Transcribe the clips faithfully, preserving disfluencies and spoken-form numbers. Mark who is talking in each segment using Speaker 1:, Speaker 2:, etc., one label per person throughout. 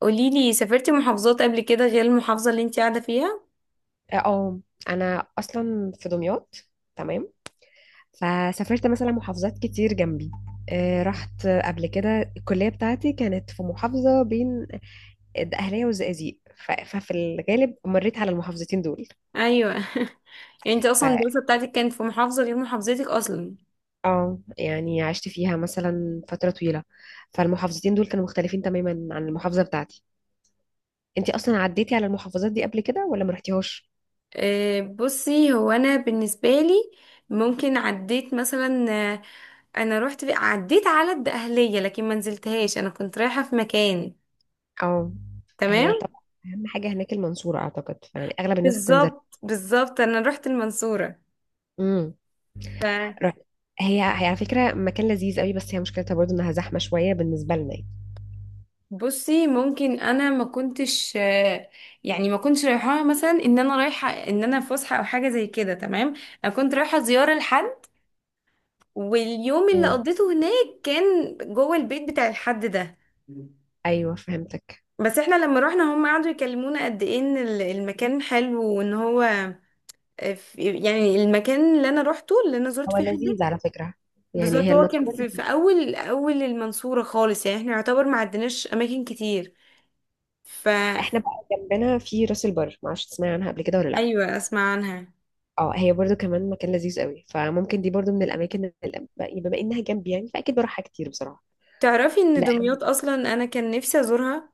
Speaker 1: قوليلي، سافرتي محافظات قبل كده غير المحافظة اللي انت قاعدة فيها؟
Speaker 2: اه آه، انا اصلا في دمياط. تمام. فسافرت مثلا محافظات كتير جنبي. آه، رحت قبل كده، الكلية بتاعتي كانت في محافظة بين الدقهلية والزقازيق. ف- ففي الغالب مريت على المحافظتين دول.
Speaker 1: ايوه يعني انت
Speaker 2: ف
Speaker 1: اصلا الدراسة بتاعتك كانت في محافظة غير محافظتك اصلا.
Speaker 2: اه يعني عشت فيها مثلا فترة طويلة. فالمحافظتين دول كانوا مختلفين تماما عن المحافظة بتاعتي. انتي اصلا عديتي على المحافظات دي قبل كده ولا ما رحتيهاش؟
Speaker 1: أه بصي، هو انا بالنسبة لي ممكن عديت مثلا. آه، انا رحت في- عديت على الدقهلية، لكن ما نزلتهاش، انا كنت رايحة في مكان.
Speaker 2: اه. هي
Speaker 1: تمام.
Speaker 2: طبعا اهم حاجة هناك المنصورة، اعتقد يعني اغلب الناس بتنزل.
Speaker 1: بالظبط بالظبط، انا رحت المنصورة.
Speaker 2: رحت. هي هي على فكرة مكان لذيذ قوي، بس هي مشكلتها برضو انها زحمة شوية بالنسبة لنا يعني.
Speaker 1: بصي ممكن انا ما كنتش آه، يعني ما كنتش رايحاها مثلا ان انا رايحه، ان انا في فسحه او حاجه زي كده. تمام، انا كنت رايحه زياره لحد، واليوم اللي
Speaker 2: مم.
Speaker 1: قضيته هناك كان جوه البيت بتاع الحد ده.
Speaker 2: ايوه فهمتك.
Speaker 1: بس احنا لما رحنا هم قعدوا يكلمونا قد ايه ان ال- المكان حلو وان هو آه، في- يعني المكان اللي انا روحته، اللي انا زرت
Speaker 2: هو
Speaker 1: فيه حد.
Speaker 2: لذيذ على فكرة، يعني
Speaker 1: بالظبط،
Speaker 2: هي
Speaker 1: هو كان
Speaker 2: المنصورة
Speaker 1: في, في
Speaker 2: لذيذة.
Speaker 1: اول اول المنصوره خالص، يعني احنا يعتبر ما عدناش اماكن كتير. ف.
Speaker 2: احنا بقى جنبنا في راس البر، معرفش تسمعي عنها قبل كده ولا لا؟
Speaker 1: ايوه اسمع عنها.
Speaker 2: اه هي برضو كمان مكان لذيذ قوي، فممكن دي برضو من الاماكن اللي بما انها جنبي يعني فاكيد بروحها كتير بصراحة.
Speaker 1: تعرفي ان
Speaker 2: لا.
Speaker 1: دمياط اصلا انا كان نفسي ازورها؟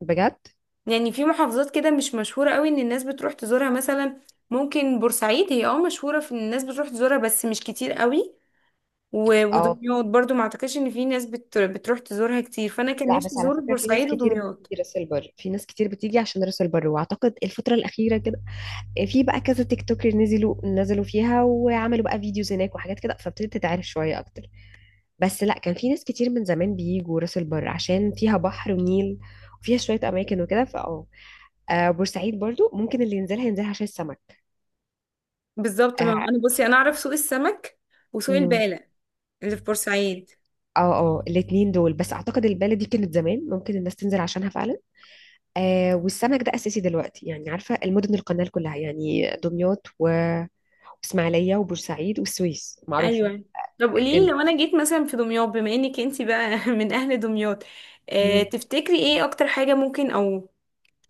Speaker 2: بجد.
Speaker 1: يعني في محافظات كده مش مشهوره قوي ان الناس بتروح تزورها مثلا. ممكن بورسعيد هي اه مشهوره في ان الناس بتروح تزورها، بس مش كتير قوي. و-
Speaker 2: اه
Speaker 1: ودمياط برضو ما اعتقدش ان في ناس بت... بتروح تزورها كتير، فانا كان
Speaker 2: لا،
Speaker 1: نفسي
Speaker 2: بس على
Speaker 1: ازور
Speaker 2: فكرة في ناس
Speaker 1: بورسعيد
Speaker 2: كتير
Speaker 1: ودمياط.
Speaker 2: بتيجي راس البر، في ناس كتير بتيجي عشان راس البر، واعتقد الفترة الأخيرة كده في بقى كذا تيك توكر نزلوا نزلوا فيها وعملوا بقى فيديوز هناك وحاجات كده فابتدت تتعرف شوية أكتر. بس لا، كان في ناس كتير من زمان بيجوا راس البر عشان فيها بحر ونيل وفيها شوية أماكن وكده فأه آه، بورسعيد برضو ممكن اللي ينزلها ينزلها عشان السمك.
Speaker 1: بالظبط، ما
Speaker 2: اه.
Speaker 1: انا بصي انا اعرف سوق السمك وسوق
Speaker 2: مم.
Speaker 1: البالة اللي في بورسعيد.
Speaker 2: اه آه، الاتنين دول بس أعتقد البالة دي كانت زمان ممكن الناس تنزل عشانها فعلا. آه والسمك ده أساسي دلوقتي يعني، عارفة المدن القنال كلها يعني دمياط و- وإسماعيلية وبورسعيد والسويس معروفة.
Speaker 1: ايوه، طب قوليلي لو انا جيت مثلا في دمياط، بما انك انتي بقى من اهل دمياط، آه،
Speaker 2: ال...
Speaker 1: تفتكري ايه اكتر حاجة ممكن، او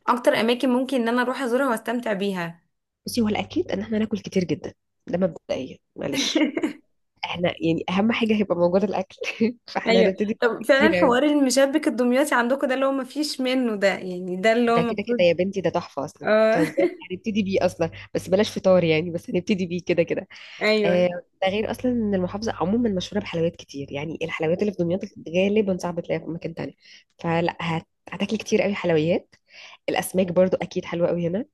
Speaker 1: اكتر اماكن ممكن ان انا اروح ازورها واستمتع بيها؟
Speaker 2: بصي هو الأكيد إن احنا ناكل كتير جدا، ده مبدئيا معلش. احنا يعني أهم حاجة هيبقى موجودة الأكل فاحنا
Speaker 1: ايوه،
Speaker 2: هنبتدي بأكل
Speaker 1: طب
Speaker 2: كتير
Speaker 1: فعلا
Speaker 2: أوي.
Speaker 1: حوار المشبك الدمياطي عندكم ده اللي هو مفيش منه ده، يعني ده اللي هو
Speaker 2: ده كده
Speaker 1: المفروض.
Speaker 2: كده يا بنتي، ده تحفة أصلا
Speaker 1: اه.
Speaker 2: بتهزري، هنبتدي بيه أصلا، بس بلاش فطار يعني، بس هنبتدي بيه كده كده. آه.
Speaker 1: ايوه
Speaker 2: ده غير أصلا إن المحافظة عموما مشهورة بحلويات كتير، يعني الحلويات اللي في دمياط غالبا صعب تلاقيها في مكان تاني. فلا هت... هتاكلي كتير أوي حلويات. الأسماك برضو أكيد حلوة أوي هنا.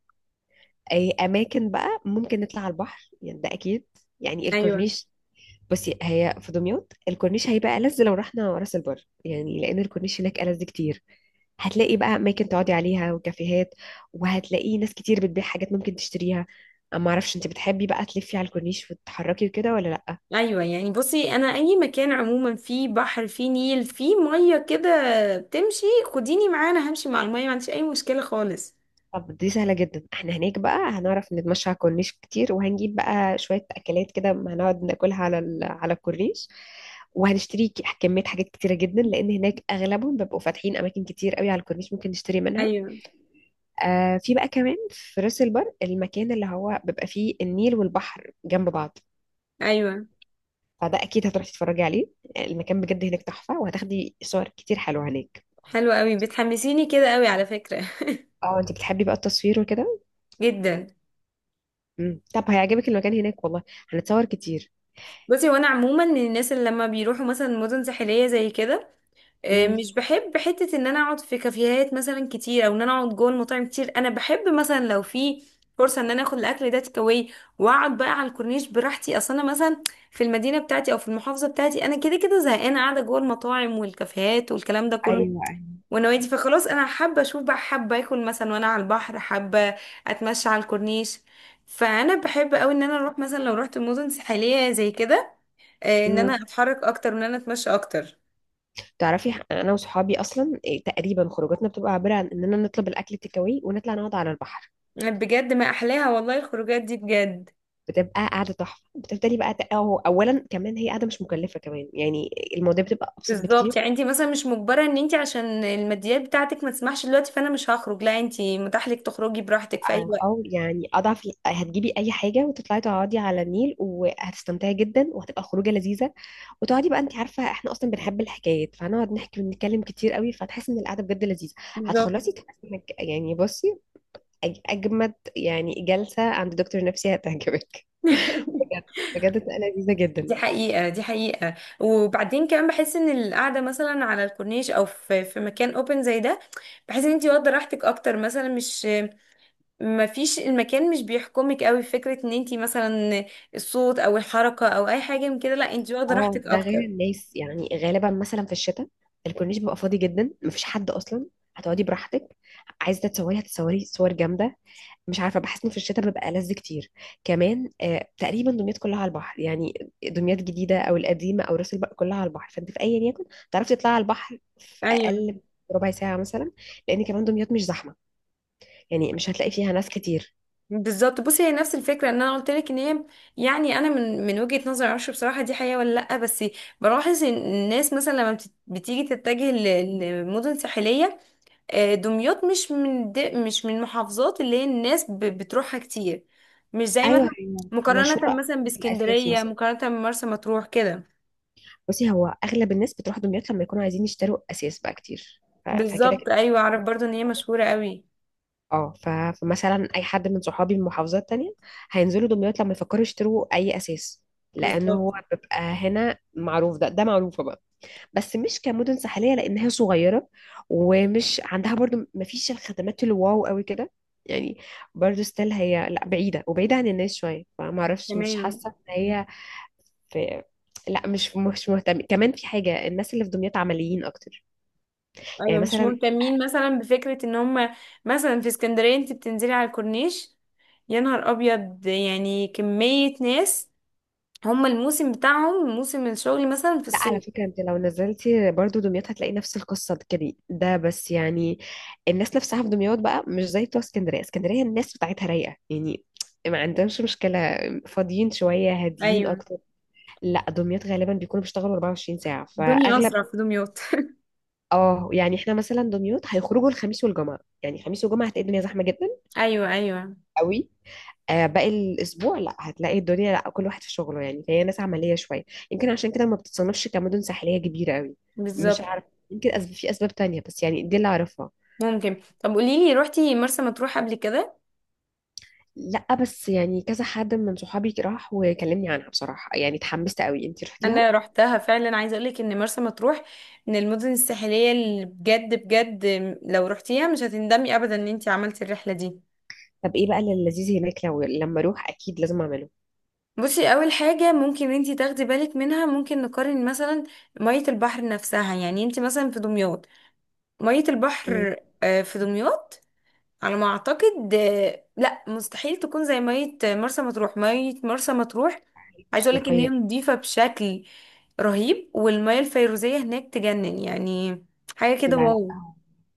Speaker 2: أي أماكن بقى ممكن نطلع على البحر يعني ده أكيد، يعني
Speaker 1: ايوه.
Speaker 2: الكورنيش. بصي هي في دمياط الكورنيش هيبقى ألذ، لو رحنا راس البر يعني لأن الكورنيش هناك ألذ كتير. هتلاقي بقى أماكن تقعدي عليها وكافيهات، وهتلاقي ناس كتير بتبيع حاجات ممكن تشتريها. أما معرفش أنت بتحبي بقى تلفي على الكورنيش وتتحركي وكده ولا لأ.
Speaker 1: ايوه يعني بصي انا اي مكان عموما فيه بحر، فيه نيل، فيه ميه كده، بتمشي، خديني معايا، انا همشي مع الميه، ما عنديش اي مشكله خالص.
Speaker 2: طب دي سهلة جدا، احنا هناك بقى هنعرف نتمشى على الكورنيش كتير وهنجيب بقى شوية أكلات كده هنقعد ناكلها على ال- على الكورنيش. وهنشتري ك- كمية حاجات كتيرة جدا لأن هناك أغلبهم بيبقوا فاتحين أماكن كتير قوي على الكورنيش ممكن نشتري منها.
Speaker 1: ايوه
Speaker 2: آه في بقى كمان في راس البر المكان اللي هو بيبقى فيه النيل والبحر جنب بعض،
Speaker 1: ايوه.
Speaker 2: فده اكيد هتروحي تتفرجي عليه. المكان بجد هناك تحفة وهتاخدي صور كتير حلوة هناك.
Speaker 1: حلو قوي، بتحمسيني كده قوي على فكره.
Speaker 2: اه انت بتحبي بقى التصوير وكده.
Speaker 1: جدا.
Speaker 2: مم. طب هيعجبك المكان هناك والله، هنتصور كتير.
Speaker 1: بصي وانا عموما من الناس اللي لما بيروحوا مثلا مدن ساحليه زي كده، آه،
Speaker 2: مم.
Speaker 1: مش بحب حتة ان انا اقعد في كافيهات مثلا كتير، او ان انا اقعد جوه المطاعم كتير. انا بحب مثلا لو في فرصة ان انا اخد الاكل ده تيك اواي واقعد بقى على الكورنيش براحتي. اصل انا مثلا في المدينة بتاعتي او في المحافظة بتاعتي انا كده كده زهقانة قاعدة جوه المطاعم والكافيهات والكلام ده كله
Speaker 2: ايوه.
Speaker 1: ونوادي، فخلاص انا حابة اشوف بقى، حابة اكل مثلا وانا على البحر، حابة اتمشى على الكورنيش. فانا بحب قوي ان انا اروح مثلا، لو رحت مدن ساحلية زي كده، آه، ان انا
Speaker 2: امم
Speaker 1: اتحرك اكتر وان انا اتمشى اكتر.
Speaker 2: تعرفي انا وصحابي اصلا إيه، تقريبا خروجاتنا بتبقى عباره عن اننا نطلب الاكل تيك اواي ونطلع نقعد على البحر.
Speaker 1: بجد ما احلاها والله الخروجات دي، بجد.
Speaker 2: بتبقى قاعده تحفه، بتفضلي بقى ت- أو اولا كمان هي قاعده مش مكلفه كمان يعني، المواضيع بتبقى ابسط
Speaker 1: بالظبط،
Speaker 2: بكتير.
Speaker 1: يعني انت مثلا مش مجبره ان انت عشان الماديات بتاعتك ما تسمحش دلوقتي فانا مش هخرج، لا، انت متاح لك تخرجي براحتك في اي وقت.
Speaker 2: او يعني اضعف هتجيبي اي حاجه وتطلعي تقعدي على النيل وهتستمتعي جدا وهتبقى خروجه لذيذه. وتقعدي بقى، انت عارفه احنا اصلا بنحب الحكايات فهنقعد نحكي ونتكلم كتير قوي، فتحسي ان القعده بجد لذيذه.
Speaker 1: بالظبط.
Speaker 2: هتخلصي تحسي انك يعني بصي أج- اجمد يعني جلسه عند دكتور نفسي هتعجبك. بجد. بجد بتبقى لذيذه جدا.
Speaker 1: دي حقيقة دي حقيقة. وبعدين كمان بحس ان القعدة مثلا على الكورنيش او في في مكان اوبن زي ده، بحس ان انت واخدة راحتك اكتر، مثلا مش، ما فيش، المكان مش بيحكمك قوي في فكرة ان انت مثلا الصوت او الحركة او اي حاجة من كده، لا انت واخدة
Speaker 2: اه
Speaker 1: راحتك
Speaker 2: ده غير
Speaker 1: اكتر.
Speaker 2: الناس يعني غالبا مثلا في الشتاء الكورنيش بيبقى فاضي جدا مفيش حد اصلا، هتقعدي براحتك. عايزه تتصوري هتتصوري صور جامده. مش عارفه بحس انه في الشتاء ببقى لذ كتر. كمان آه تقريبا دمياط كلها على البحر يعني، دمياط الجديده او القديمه او راس البر كلها على البحر، فانت في ايا يكن تعرفي تطلعي على البحر في
Speaker 1: ايوه
Speaker 2: اقل ربع ساعه مثلا، لان كمان دمياط مش زحمه يعني مش هتلاقي فيها ناس كتير.
Speaker 1: بالظبط. بصي هي نفس الفكره ان انا قلت لك ان هي، يعني انا من من وجهه نظري معرفش بصراحه دي حقيقه ولا لا، بس بلاحظ ان الناس مثلا لما بت- بتيجي تتجه ل- لمدن ساحليه، آه، دمياط مش من الد- مش من المحافظات اللي هي الناس ب- بتروحها كتير، مش زي
Speaker 2: ايوه
Speaker 1: مثلا،
Speaker 2: هي مشهوره
Speaker 1: مقارنه مثلا
Speaker 2: أكتر بالاساس
Speaker 1: باسكندريه،
Speaker 2: مثلا.
Speaker 1: مقارنه بمرسى مطروح كده.
Speaker 2: بصي هو اغلب الناس بتروح دمياط لما يكونوا عايزين يشتروا اساس بقى كتير ف- فكده
Speaker 1: بالظبط
Speaker 2: كده.
Speaker 1: ايوه اعرف برضو ان هي مشهوره قوي.
Speaker 2: اه ف... فمثلا اي حد من صحابي من محافظات تانية هينزلوا دمياط لما يفكروا يشتروا اي اساس، لانه هو
Speaker 1: بالظبط.
Speaker 2: بيبقى هنا معروف، ده ده معروفه بقى. بس مش كمدن ساحليه لانها صغيره، ومش عندها برضو مفيش الخدمات الواو قوي كده يعني. برضو ستيل هي لا بعيده وبعيده عن الناس شويه فما اعرفش مش
Speaker 1: تمام.
Speaker 2: حاسه ان هي في لا مش مش مهتم كمان في حاجه. الناس اللي في دمياط عمليين اكتر يعني
Speaker 1: ايوه مش
Speaker 2: مثلا.
Speaker 1: مهتمين مثلا بفكرة ان هم، مثلا في اسكندرية انت بتنزلي على الكورنيش يا نهار ابيض، يعني كمية ناس، هم الموسم بتاعهم موسم الشغل مثلا في
Speaker 2: لا على
Speaker 1: الصيف.
Speaker 2: فكرة انت لو نزلتي برضو دمياط هتلاقي نفس القصة دي كده ده، بس يعني الناس نفسها في دمياط بقى مش زي بتوع اسكندرية. اسكندرية الناس بتاعتها رايقة يعني، ما عندهمش مشكلة، فاضيين شوية هاديين
Speaker 1: ايوه.
Speaker 2: أكتر. لا دمياط غالبا بيكونوا بيشتغلوا أربع وعشرين ساعة
Speaker 1: الدنيا
Speaker 2: فأغلب.
Speaker 1: اسرع في دمياط.
Speaker 2: اه يعني احنا مثلا دمياط هيخرجوا الخميس والجمعة، يعني خميس وجمعة هتلاقي الدنيا زحمة جدا
Speaker 1: ايوه ايوه.
Speaker 2: قوي. آه، باقي الاسبوع لا، هتلاقي الدنيا لا كل واحد في شغله يعني، فهي ناس عمليه شويه، يمكن عشان كده ما بتتصنفش كمدن ساحليه كبيره قوي. مش
Speaker 1: بالظبط.
Speaker 2: عارف، يمكن أسب... في اسباب تانية، بس يعني دي اللي اعرفها.
Speaker 1: ممكن، طب قولي لي روحتي مرسى مطروح قبل كده؟
Speaker 2: لا بس يعني كذا حد من صحابي راح وكلمني عنها بصراحه، يعني اتحمست قوي، انتي رحتيها؟
Speaker 1: انا روحتها فعلا، عايزه اقول لك ان مرسى مطروح من المدن الساحليه اللي بجد بجد، لو روحتيها مش هتندمي ابدا ان انت عملتي الرحله دي.
Speaker 2: طب ايه بقى اللي لذيذ هناك لو لما اروح اكيد لازم اعمله.
Speaker 1: بصي اول حاجه ممكن انتي تاخدي بالك منها، ممكن نقارن مثلا ميه البحر نفسها، يعني انتي مثلا في دمياط ميه
Speaker 2: مم.
Speaker 1: البحر، آه، في دمياط على ما اعتقد آه، لا، مستحيل تكون زي ميه مرسى مطروح. ميه مرسى مطروح عايزه
Speaker 2: مش
Speaker 1: اقولك ان هي
Speaker 2: نقيه.
Speaker 1: نضيفه بشكل رهيب، والميه الفيروزيه هناك تجنن، يعني حاجه كده
Speaker 2: لا لا،
Speaker 1: واو.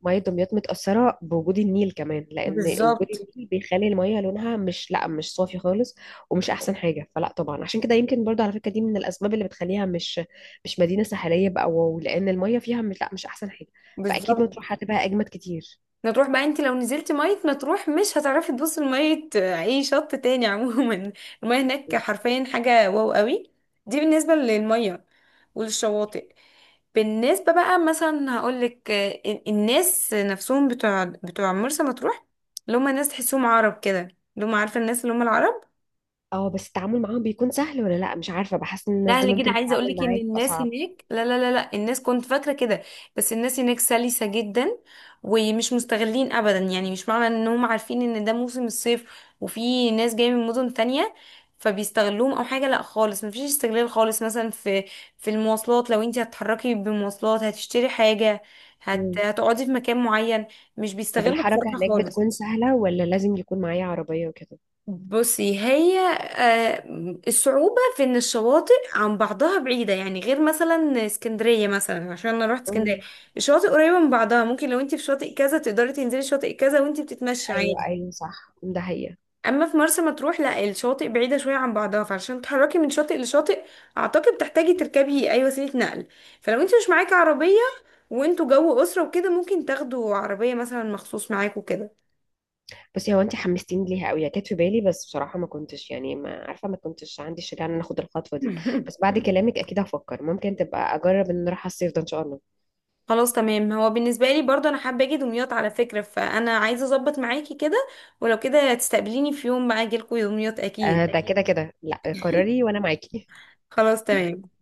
Speaker 2: مية دمياط متأثرة بوجود النيل كمان، لأن وجود
Speaker 1: بالظبط
Speaker 2: النيل بيخلي المية لونها مش لا مش صافي خالص، ومش أحسن حاجة. فلا طبعا عشان كده يمكن برضو على فكرة دي من الأسباب اللي بتخليها مش مش مدينة ساحلية بقى واو، لأن المية فيها مش لا مش أحسن حاجة. فأكيد
Speaker 1: بالظبط.
Speaker 2: مطروح هتبقى أجمد كتير.
Speaker 1: مطروح بقى، انت لو نزلتي مية مطروح مش هتعرفي تبصي لمية آه، اي شط تاني عموما المية هناك حرفيا حاجة واو قوي. دي بالنسبة للمية وللشواطئ. بالنسبة بقى مثلا هقولك آه، الناس نفسهم بتوع بتوع مرسى مطروح، اللي هم ناس تحسهم عرب كده، اللي هم عارفة الناس اللي هم العرب.
Speaker 2: اه بس التعامل معاهم بيكون سهل ولا لا؟ مش عارفة بحس إن الناس دي
Speaker 1: سهل جدا،
Speaker 2: ممكن
Speaker 1: عايزه اقول
Speaker 2: تتعامل
Speaker 1: لك ان
Speaker 2: معاك
Speaker 1: الناس
Speaker 2: أصعب.
Speaker 1: هناك، لا لا لا لا، الناس كنت فاكره كده، بس الناس هناك سلسه جدا ومش مستغلين ابدا. يعني مش معنى انهم عارفين ان ده موسم الصيف وفي ناس جايه من مدن تانية فبيستغلوهم او حاجه، لا خالص، مفيش استغلال خالص. مثلا في في المواصلات، لو انت هتتحركي بمواصلات، هتشتري حاجه، هت...
Speaker 2: مم.
Speaker 1: هتقعدي في مكان معين، مش
Speaker 2: طب
Speaker 1: بيستغلوا
Speaker 2: الحركة
Speaker 1: بصراحه
Speaker 2: هناك
Speaker 1: خالص.
Speaker 2: بتكون سهلة ولا لازم يكون معايا عربية وكده؟
Speaker 1: بصي هي آه، الصعوبة في ان الشواطئ عن بعضها بعيدة، يعني غير مثلا اسكندرية، مثلا عشان انا رحت اسكندرية،
Speaker 2: مم.
Speaker 1: الشواطئ قريبة من بعضها، ممكن لو انت في شاطئ كذا تقدري تنزلي شاطئ كذا وانت بتتمشي
Speaker 2: أيوه
Speaker 1: عادي.
Speaker 2: أيوه صح ده هي.
Speaker 1: اما في مرسى مطروح لا، الشواطئ بعيدة شوية عن بعضها، فعشان تتحركي من شاطئ لشاطئ اعتقد تحتاجي تركبي اي وسيلة نقل. فلو انت مش معاكي عربية وانتوا جو اسرة وكده، ممكن تاخدوا عربية مثلا مخصوص معاكوا كده.
Speaker 2: بصي هو انت حمستيني ليها قوي، هي كانت في بالي بس بصراحه ما كنتش يعني ما عارفه ما كنتش عندي الشجاعه ان انا اخد الخطوه دي. بس بعد كلامك اكيد هفكر، ممكن تبقى اجرب ان نروح على الصيف ده ان شاء الله.
Speaker 1: خلاص تمام. هو بالنسبة لي برضه أنا حابة أجي دمياط على فكرة، فأنا عايزة أظبط معاكي كده، ولو كده تستقبليني في يوم بقى أجيلكوا دمياط أكيد.
Speaker 2: آه ده كده كده، لا قرري وانا معاكي.
Speaker 1: خلاص تمام.